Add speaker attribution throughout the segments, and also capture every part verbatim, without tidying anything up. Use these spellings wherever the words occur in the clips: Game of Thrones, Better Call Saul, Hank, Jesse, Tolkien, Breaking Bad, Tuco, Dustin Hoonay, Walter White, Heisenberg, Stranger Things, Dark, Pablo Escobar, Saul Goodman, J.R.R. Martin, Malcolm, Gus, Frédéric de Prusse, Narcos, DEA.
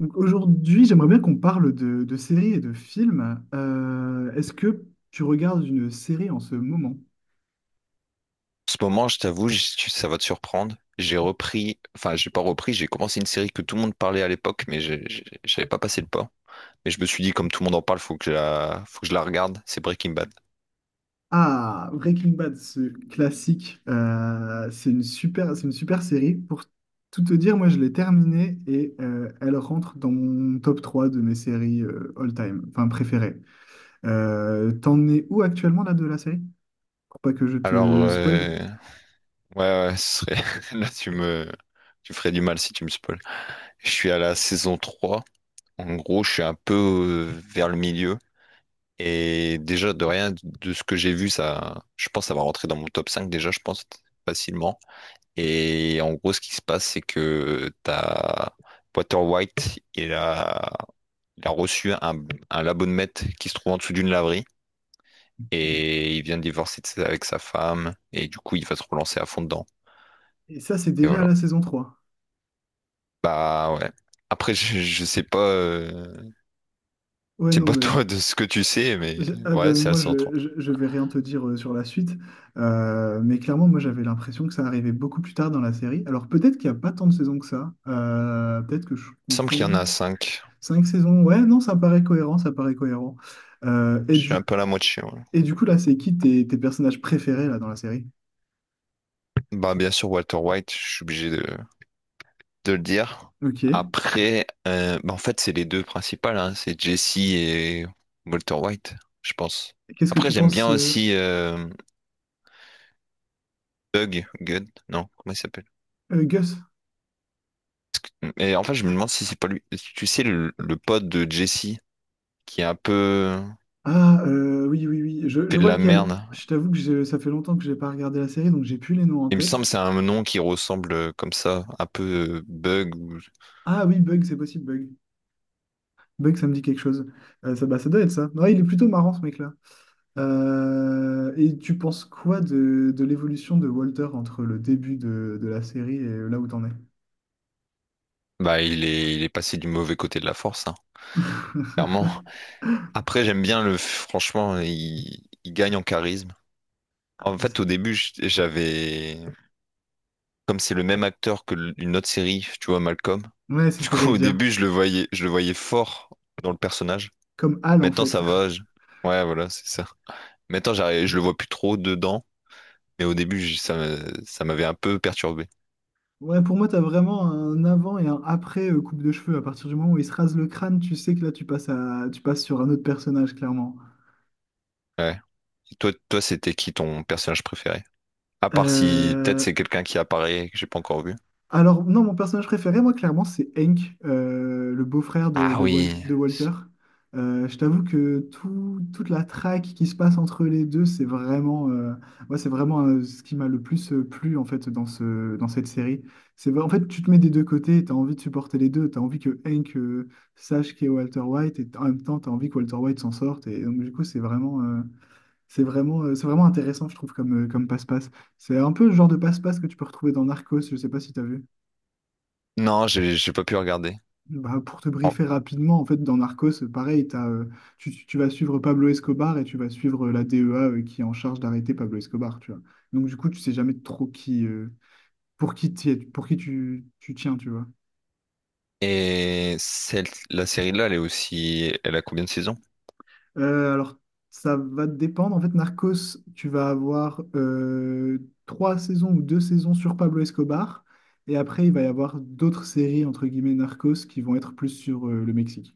Speaker 1: Donc aujourd'hui, j'aimerais bien qu'on parle de, de séries et de films. Euh, est-ce que tu regardes une série en ce moment?
Speaker 2: Ce moment, je t'avoue, je- tu- ça va te surprendre. J'ai repris, enfin, j'ai pas repris, j'ai commencé une série que tout le monde parlait à l'époque, mais j'ai- j'ai- j'avais pas passé le pas. Mais je me suis dit, comme tout le monde en parle, faut que je la, faut que je la regarde. C'est Breaking Bad.
Speaker 1: Ah, Breaking Bad, ce classique, euh, c'est une super, c'est une super série. Pour tout te dire, moi je l'ai terminée et euh, elle rentre dans mon top trois de mes séries euh, all-time, enfin préférées. Euh, t'en es où actuellement là de la série? Pour pas que je
Speaker 2: Alors,
Speaker 1: te spoil.
Speaker 2: euh, ouais, ouais, ce serait là, tu me, tu ferais du mal si tu me spoil. Je suis à la saison trois. En gros, je suis un peu euh, vers le milieu. Et déjà, de rien de ce que j'ai vu, ça, je pense, ça va rentrer dans mon top cinq. Déjà, je pense, facilement. Et en gros, ce qui se passe, c'est que t'as Walter White, il a, il a reçu un, un l'abonnement qui se trouve en dessous d'une laverie,
Speaker 1: OK.
Speaker 2: et il vient de divorcer de sa- avec sa femme. Et du coup, il va se relancer à fond dedans.
Speaker 1: Et ça, c'est
Speaker 2: Et
Speaker 1: déjà à
Speaker 2: voilà.
Speaker 1: la saison trois.
Speaker 2: Bah ouais. Après, je, je sais pas, euh,
Speaker 1: Ouais,
Speaker 2: je sais
Speaker 1: non,
Speaker 2: pas
Speaker 1: mais
Speaker 2: toi de ce que tu sais, mais
Speaker 1: Je- ah bah,
Speaker 2: ouais, c'est
Speaker 1: moi,
Speaker 2: assez autre.
Speaker 1: je, je, je vais rien te dire euh, sur la suite. Euh, mais clairement, moi, j'avais l'impression que ça arrivait beaucoup plus tard dans la série. Alors, peut-être qu'il n'y a pas tant de saisons que ça. Euh, peut-être que je
Speaker 2: Il me semble qu'il y en
Speaker 1: confonds.
Speaker 2: a cinq.
Speaker 1: Cinq saisons, ouais, non, ça paraît cohérent, ça paraît cohérent. Euh, et
Speaker 2: Je suis un
Speaker 1: du,
Speaker 2: peu à la moitié. Ouais.
Speaker 1: et du coup, là, c'est qui tes, tes personnages préférés là, dans la série?
Speaker 2: Bah bien sûr, Walter White, je suis obligé de, de le dire.
Speaker 1: OK.
Speaker 2: Après, euh, bah, en fait, c'est les deux principales, hein, c'est Jesse et Walter White, je pense.
Speaker 1: Qu'est-ce que
Speaker 2: Après,
Speaker 1: tu
Speaker 2: j'aime
Speaker 1: penses,
Speaker 2: bien
Speaker 1: euh,
Speaker 2: aussi euh, Doug Gunn, non, comment il s'appelle?
Speaker 1: euh, Gus?
Speaker 2: Et en fait, je me demande si c'est pas lui. Tu sais, le, le pote de Jesse qui est un peu
Speaker 1: Ah, euh, oui, oui, oui, je, je
Speaker 2: fait de
Speaker 1: vois
Speaker 2: la
Speaker 1: lequel.
Speaker 2: merde.
Speaker 1: Je t'avoue que j'ai- ça fait longtemps que j'ai pas regardé la série, donc j'ai plus les noms en
Speaker 2: Il me semble que
Speaker 1: tête.
Speaker 2: c'est un nom qui ressemble euh, comme ça, un peu euh, Bug. ou-
Speaker 1: Ah oui, Bug, c'est possible, Bug. Bug, ça me dit quelque chose. Euh, ça, bah, ça doit être ça. Ouais, il est plutôt marrant, ce mec-là. Euh, et tu penses quoi de, de l'évolution de Walter entre le début de, de la série et là où t'en es?
Speaker 2: Bah, il est, il est passé du mauvais côté de la force, hein, clairement. Après, j'aime bien le. Franchement, il, il gagne en charisme. En fait, au début, j- j'avais, comme c'est le même acteur que l- une autre série, tu vois, Malcolm.
Speaker 1: Ouais, c'est ce
Speaker 2: Du
Speaker 1: que
Speaker 2: coup,
Speaker 1: j'allais te
Speaker 2: au
Speaker 1: dire.
Speaker 2: début, je le voyais, je le voyais fort dans le personnage.
Speaker 1: Comme Hal, en
Speaker 2: Maintenant,
Speaker 1: fait.
Speaker 2: ça va. je- Ouais, voilà, c'est ça. Maintenant, j'arrive, je le vois plus trop dedans, mais au début, j- ça, me- ça m'avait un peu perturbé.
Speaker 1: Ouais, pour moi, t'as vraiment un avant et un après euh, coupe de cheveux. À partir du moment où il se rase le crâne, tu sais que là, tu passes à, tu passes sur un autre personnage, clairement.
Speaker 2: Ouais. Et toi, toi, c'était qui ton personnage préféré? À part si peut-être
Speaker 1: Euh,
Speaker 2: c'est quelqu'un qui apparaît et que j'ai pas encore vu.
Speaker 1: Alors, non, mon personnage préféré, moi, clairement, c'est Hank, euh, le beau-frère de,
Speaker 2: Ah
Speaker 1: de, Wal-
Speaker 2: oui.
Speaker 1: de Walter. Euh, je t'avoue que tout- toute la traque qui se passe entre les deux, c'est vraiment, euh, moi, c'est vraiment euh, ce qui m'a le plus euh, plu, en fait, dans ce, dans cette série. C'est, vrai- en fait, tu te mets des deux côtés, tu as envie de supporter les deux, tu as envie que Hank euh, sache qui est Walter White, et en même temps, tu as envie que Walter White s'en sorte. Et donc, du coup, c'est vraiment, euh, c'est vraiment, euh, c'est vraiment intéressant, je trouve, comme, euh, comme passe-passe. C'est un peu le genre de passe-passe que tu peux retrouver dans Narcos, je sais pas si tu as vu.
Speaker 2: Non, j'ai j'ai pas pu regarder.
Speaker 1: Bah, pour te
Speaker 2: Oh.
Speaker 1: briefer rapidement, en fait, dans Narcos, euh, pareil, t'as, euh, tu, tu- tu vas suivre Pablo Escobar et tu vas suivre euh, la D E A euh, qui est en charge d'arrêter Pablo Escobar, tu vois. Donc, du coup, tu sais jamais trop qui, euh, pour qui, t'y es- pour qui tu, tu tiens, tu vois.
Speaker 2: Et celle, la série-là, elle est aussi, elle a combien de saisons?
Speaker 1: Euh, alors, ça va te dépendre. En fait, Narcos, tu vas avoir euh, trois saisons ou deux saisons sur Pablo Escobar. Et après, il va y avoir d'autres séries, entre guillemets, Narcos, qui vont être plus sur euh, le Mexique.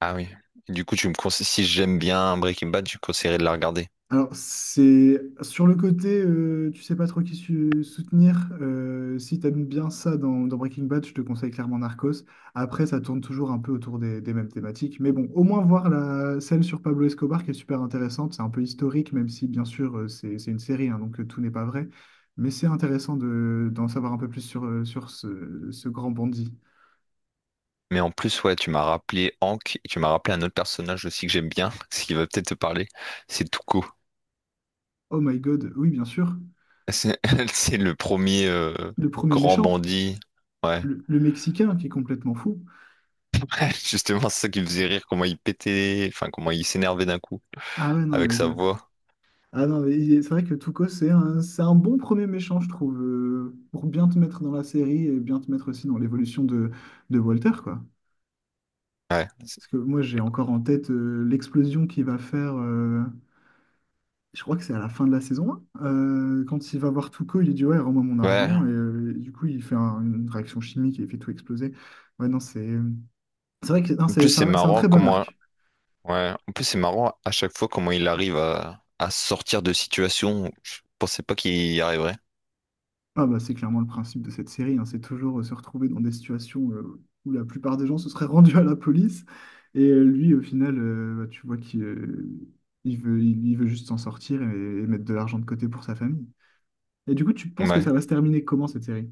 Speaker 2: Ah oui. Du coup, tu me conseilles, si j'aime bien Breaking Bad, je conseillerais de la regarder.
Speaker 1: Alors, c'est sur le côté, euh, tu sais pas trop qui su- soutenir. euh, si t'aimes bien ça dans, dans Breaking Bad, je te conseille clairement Narcos. Après, ça tourne toujours un peu autour des, des mêmes thématiques. Mais bon, au moins voir la, celle sur Pablo Escobar qui est super intéressante. C'est un peu historique, même si bien sûr euh, c'est c'est une série, hein, donc euh, tout n'est pas vrai. Mais c'est intéressant de, d'en savoir un peu plus sur, euh, sur ce, ce grand bandit.
Speaker 2: Mais en plus, ouais, tu m'as rappelé Hank et tu m'as rappelé un autre personnage aussi que j'aime bien, ce qui va peut-être te parler, c'est Tuco.
Speaker 1: Oh my God, oui, bien sûr.
Speaker 2: C'est c'est le premier euh,
Speaker 1: Le premier
Speaker 2: grand
Speaker 1: méchant,
Speaker 2: bandit. Ouais,
Speaker 1: le le Mexicain qui est complètement fou.
Speaker 2: justement, c'est ça qui me faisait rire, comment il pétait, enfin, comment il s'énervait d'un coup
Speaker 1: Ah ouais, non,
Speaker 2: avec
Speaker 1: mais
Speaker 2: sa voix.
Speaker 1: ah non, mais il- c'est vrai que Tuco, c'est un, c'est un bon premier méchant, je trouve, euh, pour bien te mettre dans la série et bien te mettre aussi dans l'évolution de, de Walter, quoi.
Speaker 2: Ouais, C'est-
Speaker 1: Parce que moi, j'ai encore en tête euh, l'explosion qu'il va faire, euh, je crois que c'est à la fin de la saison un. euh, quand il va voir Tuco, il lui dit, ouais, rends-moi mon argent.
Speaker 2: ouais.
Speaker 1: Et euh, du coup, il fait un- une réaction chimique et il fait tout exploser. Ouais, non, c'est c'est vrai que non,
Speaker 2: En plus,
Speaker 1: c'est c'est
Speaker 2: c'est
Speaker 1: un, c'est un
Speaker 2: marrant
Speaker 1: très bon
Speaker 2: comment,
Speaker 1: arc.
Speaker 2: ouais, en plus, c'est marrant à chaque fois comment il arrive à, à sortir de situations où je pensais pas qu'il y arriverait.
Speaker 1: Ah bah c'est clairement le principe de cette série, hein. C'est toujours euh, se retrouver dans des situations euh, où la plupart des gens se seraient rendus à la police. Et euh, lui, au final, euh, bah, tu vois qu'il euh, il veut, il, il veut juste s'en sortir et, et mettre de l'argent de côté pour sa famille. Et du coup, tu penses que
Speaker 2: Ouais.
Speaker 1: ça va se terminer comment cette série?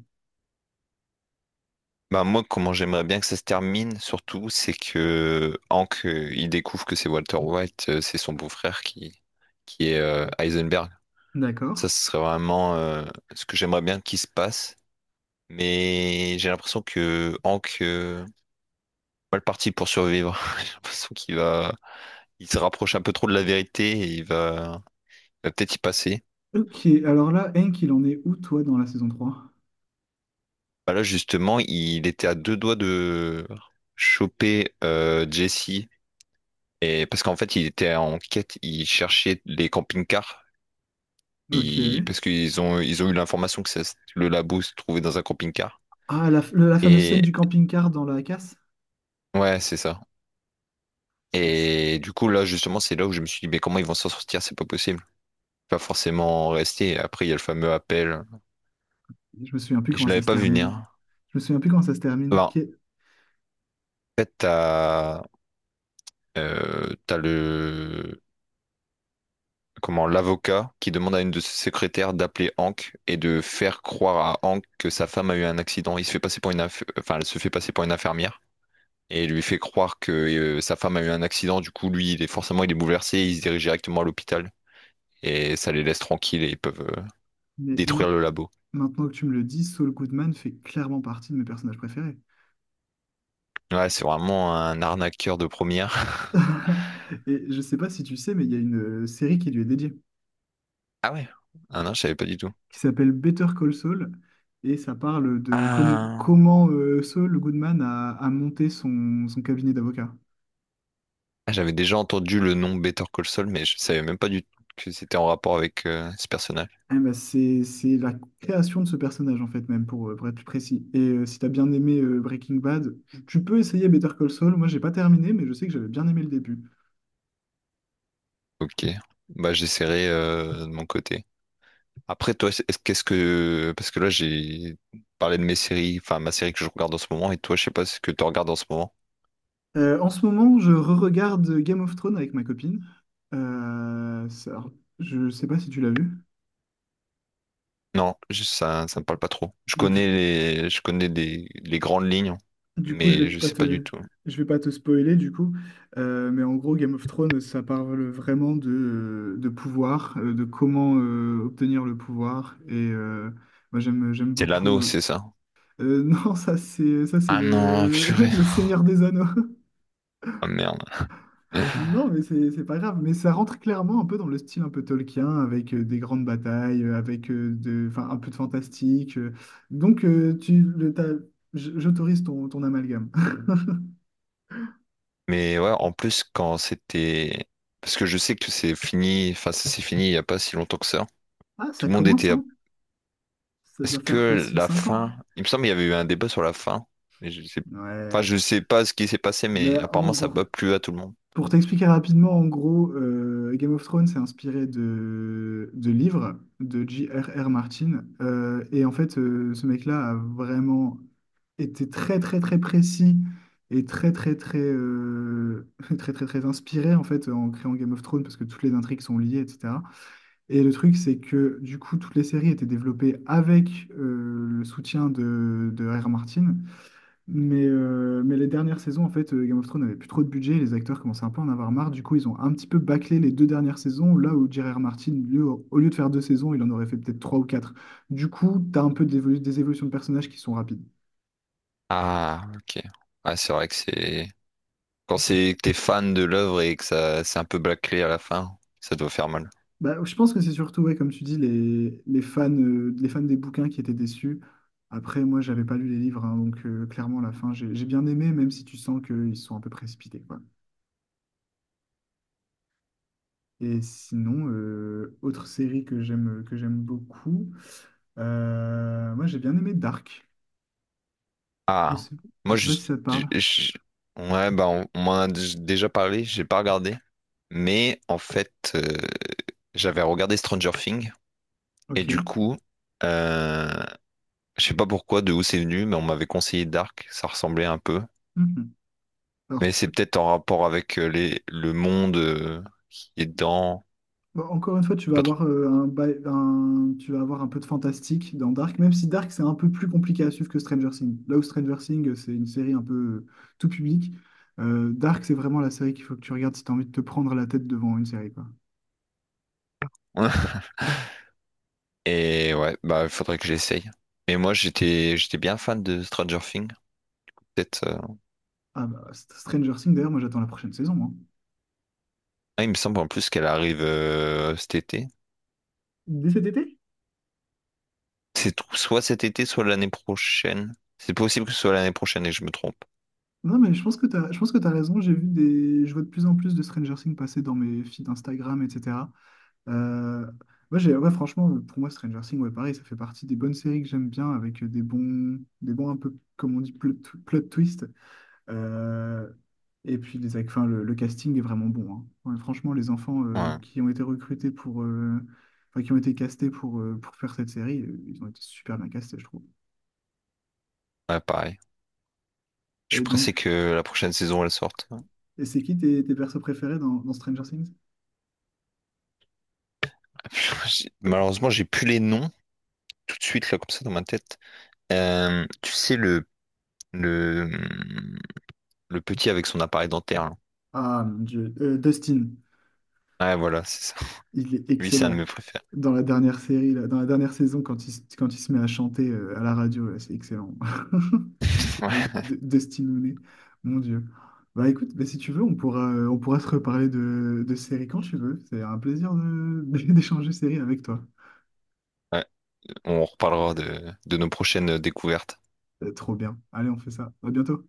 Speaker 2: Bah moi, comment j'aimerais bien que ça se termine, surtout, c'est que Hank, euh, il découvre que c'est Walter White, euh, c'est son beau-frère qui, qui est euh, Heisenberg.
Speaker 1: D'accord.
Speaker 2: Ça, ce serait vraiment euh, ce que j'aimerais bien qu'il se passe. Mais j'ai l'impression que Hank, euh, pas parti pour survivre. J'ai l'impression qu'il va, il se rapproche un peu trop de la vérité, et il va, il va peut-être y passer.
Speaker 1: OK, alors là, Hank, il en est où toi dans la saison trois?
Speaker 2: Bah là, justement, il était à deux doigts de choper euh, Jesse. Et parce qu'en fait, il était en quête, il cherchait les camping-cars,
Speaker 1: OK.
Speaker 2: il- parce qu'ils ont, ils ont eu l'information que ça se- le labo se trouvait dans un camping-car.
Speaker 1: Ah, la, f- la fameuse scène
Speaker 2: Et
Speaker 1: du camping-car dans la casse?
Speaker 2: ouais, c'est ça.
Speaker 1: Cette-
Speaker 2: Et du coup, là, justement, c'est là où je me suis dit, mais comment ils vont s'en sortir? C'est pas possible. Pas forcément rester. Après, il y a le fameux appel.
Speaker 1: Je me souviens plus
Speaker 2: Et je
Speaker 1: comment ça
Speaker 2: l'avais
Speaker 1: se
Speaker 2: pas vu
Speaker 1: termine.
Speaker 2: venir.
Speaker 1: Je me souviens plus comment ça se
Speaker 2: Enfin,
Speaker 1: termine.
Speaker 2: en
Speaker 1: OK.
Speaker 2: fait, t'as euh, t'as le comment l'avocat qui demande à une de ses secrétaires d'appeler Hank et de faire croire à Hank que sa femme a eu un accident. Il se fait passer pour une inf- enfin, elle se fait passer pour une infirmière et lui fait croire que euh, sa femme a eu un accident. Du coup, lui, il est forcément il est bouleversé, il se dirige directement à l'hôpital, et ça les laisse tranquilles, et ils peuvent euh,
Speaker 1: Mais mince.
Speaker 2: détruire le labo.
Speaker 1: Maintenant que tu me le dis, Saul Goodman fait clairement partie de mes personnages préférés.
Speaker 2: Ouais, c'est vraiment un arnaqueur de première.
Speaker 1: Et je sais pas si tu sais, mais il y a une euh, série qui lui est dédiée,
Speaker 2: Ah ouais. Ah non, je savais pas du tout.
Speaker 1: qui s'appelle Better Call Saul, et ça parle de com-
Speaker 2: Ah,
Speaker 1: comment euh, Saul Goodman a, a monté son, son cabinet d'avocat.
Speaker 2: Ah, j'avais déjà entendu le nom Better Call Saul, mais je savais même pas du tout que c'était en rapport avec euh, ce personnage.
Speaker 1: Eh ben, c'est, c'est la création de ce personnage, en fait, même, pour, euh, pour être plus précis. Et euh, si t'as bien aimé euh, Breaking Bad, tu tu peux essayer Better Call Saul. Moi, j'ai pas terminé, mais je sais que j'avais bien aimé le début.
Speaker 2: Ok, bah j'essaierai euh, de mon côté. Après toi, c'est- est-ce qu'est-ce que parce que là j'ai parlé de mes séries, enfin ma série que je regarde en ce moment, et toi je sais pas ce que tu regardes en ce moment.
Speaker 1: Euh, en ce moment, je re-regarde Game of Thrones avec ma copine. Euh, ça- alors, je sais pas si tu l'as vu.
Speaker 2: Non, je- ça ça me parle pas trop. Je
Speaker 1: Bon,
Speaker 2: connais
Speaker 1: du,
Speaker 2: les je connais des les grandes lignes,
Speaker 1: du coup, je vais
Speaker 2: mais je
Speaker 1: pas
Speaker 2: sais pas du
Speaker 1: te,
Speaker 2: tout.
Speaker 1: je vais pas te spoiler, du coup. Euh, mais en gros, Game of Thrones, ça parle vraiment de, de pouvoir, euh, de comment euh, obtenir le pouvoir. Et euh, moi, j'aime, j'aime
Speaker 2: C'est
Speaker 1: beaucoup.
Speaker 2: l'anneau,
Speaker 1: Euh,
Speaker 2: c'est ça?
Speaker 1: euh, non, ça, c'est, ça, c'est
Speaker 2: Ah non,
Speaker 1: le,
Speaker 2: purée.
Speaker 1: le Seigneur des Anneaux.
Speaker 2: Ah merde.
Speaker 1: Non, mais c'est c'est pas grave. Mais ça rentre clairement un peu dans le style un peu Tolkien, avec euh, des grandes batailles, euh, avec euh, de, enfin, un peu de fantastique. euh. Donc, euh, tu, le, t'as- j- j'autorise ton, ton amalgame.
Speaker 2: Mais ouais, en plus quand c'était parce que je sais que c'est fini, enfin ça s'est fini il y a pas si longtemps que ça.
Speaker 1: Ah,
Speaker 2: Tout
Speaker 1: ça
Speaker 2: le monde
Speaker 1: commence,
Speaker 2: était
Speaker 1: hein. Ça
Speaker 2: Est-ce
Speaker 1: doit faire
Speaker 2: que
Speaker 1: facile
Speaker 2: la
Speaker 1: cinq ans.
Speaker 2: fin. Il me semble qu'il y avait eu un débat sur la fin. Mais je sais. Enfin,
Speaker 1: Ouais.
Speaker 2: je sais pas ce qui s'est passé,
Speaker 1: Mais
Speaker 2: mais
Speaker 1: en
Speaker 2: apparemment, ça n'a pas
Speaker 1: gros,
Speaker 2: plu à tout le monde.
Speaker 1: pour t'expliquer rapidement, en gros, euh, Game of Thrones s'est inspiré de, de livres de J R R Martin. Euh, et en fait, euh, ce mec-là a vraiment était très très très précis et très très très euh, très très très inspiré en fait en créant Game of Thrones parce que toutes les intrigues sont liées et cetera. Et le truc c'est que du coup toutes les séries étaient développées avec euh, le soutien de, de R R. Martin, mais, euh, mais les dernières saisons en fait euh, Game of Thrones n'avait plus trop de budget, les acteurs commençaient un peu à en avoir marre. Du coup ils ont un petit peu bâclé les deux dernières saisons, là où J R R. Martin lui, au au lieu de faire deux saisons il en aurait fait peut-être trois ou quatre. Du coup t'as un peu d'évolu- des évolutions de personnages qui sont rapides.
Speaker 2: Ah, ok. Ah, c'est vrai que c'est. Quand c'est que t'es fan de l'œuvre et que ça c'est un peu bâclé à la fin, ça doit faire mal.
Speaker 1: Bah, je pense que c'est surtout, ouais, comme tu dis, les, les fans, euh, les fans des bouquins qui étaient déçus. Après, moi, j'avais pas lu les livres, hein, donc euh, clairement, la fin, j'ai j'ai bien aimé, même si tu sens qu'ils sont un peu précipités, quoi. Et sinon, euh, autre série que j'aime que j'aime beaucoup, euh, moi, j'ai bien aimé Dark. Je
Speaker 2: Ah,
Speaker 1: sais, je
Speaker 2: moi,
Speaker 1: sais
Speaker 2: je...
Speaker 1: pas si ça te
Speaker 2: je-
Speaker 1: parle.
Speaker 2: je- ouais, bah, on, on m'en a d- déjà parlé, j'ai pas regardé. Mais en fait, euh, j'avais regardé Stranger Things, et
Speaker 1: OK.
Speaker 2: du coup, euh, je sais pas pourquoi, de où c'est venu, mais on m'avait conseillé Dark, ça ressemblait un peu.
Speaker 1: Mhm. Alors,
Speaker 2: Mais c'est peut-être en rapport avec euh, les, le monde euh, qui est dedans,
Speaker 1: bah, encore une fois, tu vas
Speaker 2: pas trop.
Speaker 1: avoir, euh, un, ba- un- tu vas avoir un peu de fantastique dans Dark, même si Dark, c'est un peu plus compliqué à suivre que Stranger Things. Là où Stranger Things, euh, c'est une série un peu euh, tout public, euh, Dark, c'est vraiment la série qu'il faut que tu regardes si tu as envie de te prendre la tête devant une série, quoi.
Speaker 2: Et ouais, bah il faudrait que j'essaye. Mais moi j'étais j'étais bien fan de Stranger Things. Peut-être. euh,
Speaker 1: Ah bah, St- Stranger Things, d'ailleurs, moi j'attends la prochaine saison, hein.
Speaker 2: Ah, il me semble en plus qu'elle arrive euh, cet été.
Speaker 1: Dès cet été?
Speaker 2: C'est tout- soit cet été, soit l'année prochaine. C'est possible que ce soit l'année prochaine et que je me trompe.
Speaker 1: Non, mais je pense que tu as, je pense que tu raison. J'ai vu des, je vois de plus en plus de Stranger Things passer dans mes feeds Instagram, et cetera. Euh, ouais, j'ai- ouais, franchement, pour moi, Stranger Things, ouais, pareil, ça fait partie des bonnes séries que j'aime bien, avec euh, des bons, des bons un peu, comme on dit, plot, plot twist. Euh, et puis, les, ac- enfin, le, le casting est vraiment bon, hein. Ouais, franchement, les enfants euh,
Speaker 2: Ouais,
Speaker 1: qui ont été recrutés pour, euh, enfin, qui ont été castés pour, euh, pour faire cette série, euh, ils ont été super bien castés, je trouve.
Speaker 2: ouais, pareil. Je suis
Speaker 1: Et donc,
Speaker 2: pressé que la prochaine saison elle sorte.
Speaker 1: et c'est qui tes, tes persos préférés dans, dans Stranger Things?
Speaker 2: J'ai- Malheureusement, j'ai plus les noms tout de suite là comme ça dans ma tête. Euh, tu sais, le, le, le petit avec son appareil dentaire, là.
Speaker 1: Ah, mon Dieu, euh, Dustin.
Speaker 2: Ouais, voilà, c'est ça.
Speaker 1: Il est
Speaker 2: Lui, c'est un de
Speaker 1: excellent.
Speaker 2: mes préférés.
Speaker 1: Dans la dernière série, là, dans la dernière saison, quand il, se- quand il se met à chanter euh, à la radio, là, c'est excellent. Avec
Speaker 2: Ouais.
Speaker 1: D- Dustin Hoonay, mon Dieu. Bah écoute, bah, si tu veux, on pourra, euh, on pourra se reparler de, de séries quand tu veux. C'est un plaisir de- d'échanger séries avec toi.
Speaker 2: Ouais, on reparlera de, de nos prochaines découvertes.
Speaker 1: Euh, Trop bien. Allez, on fait ça. À bientôt.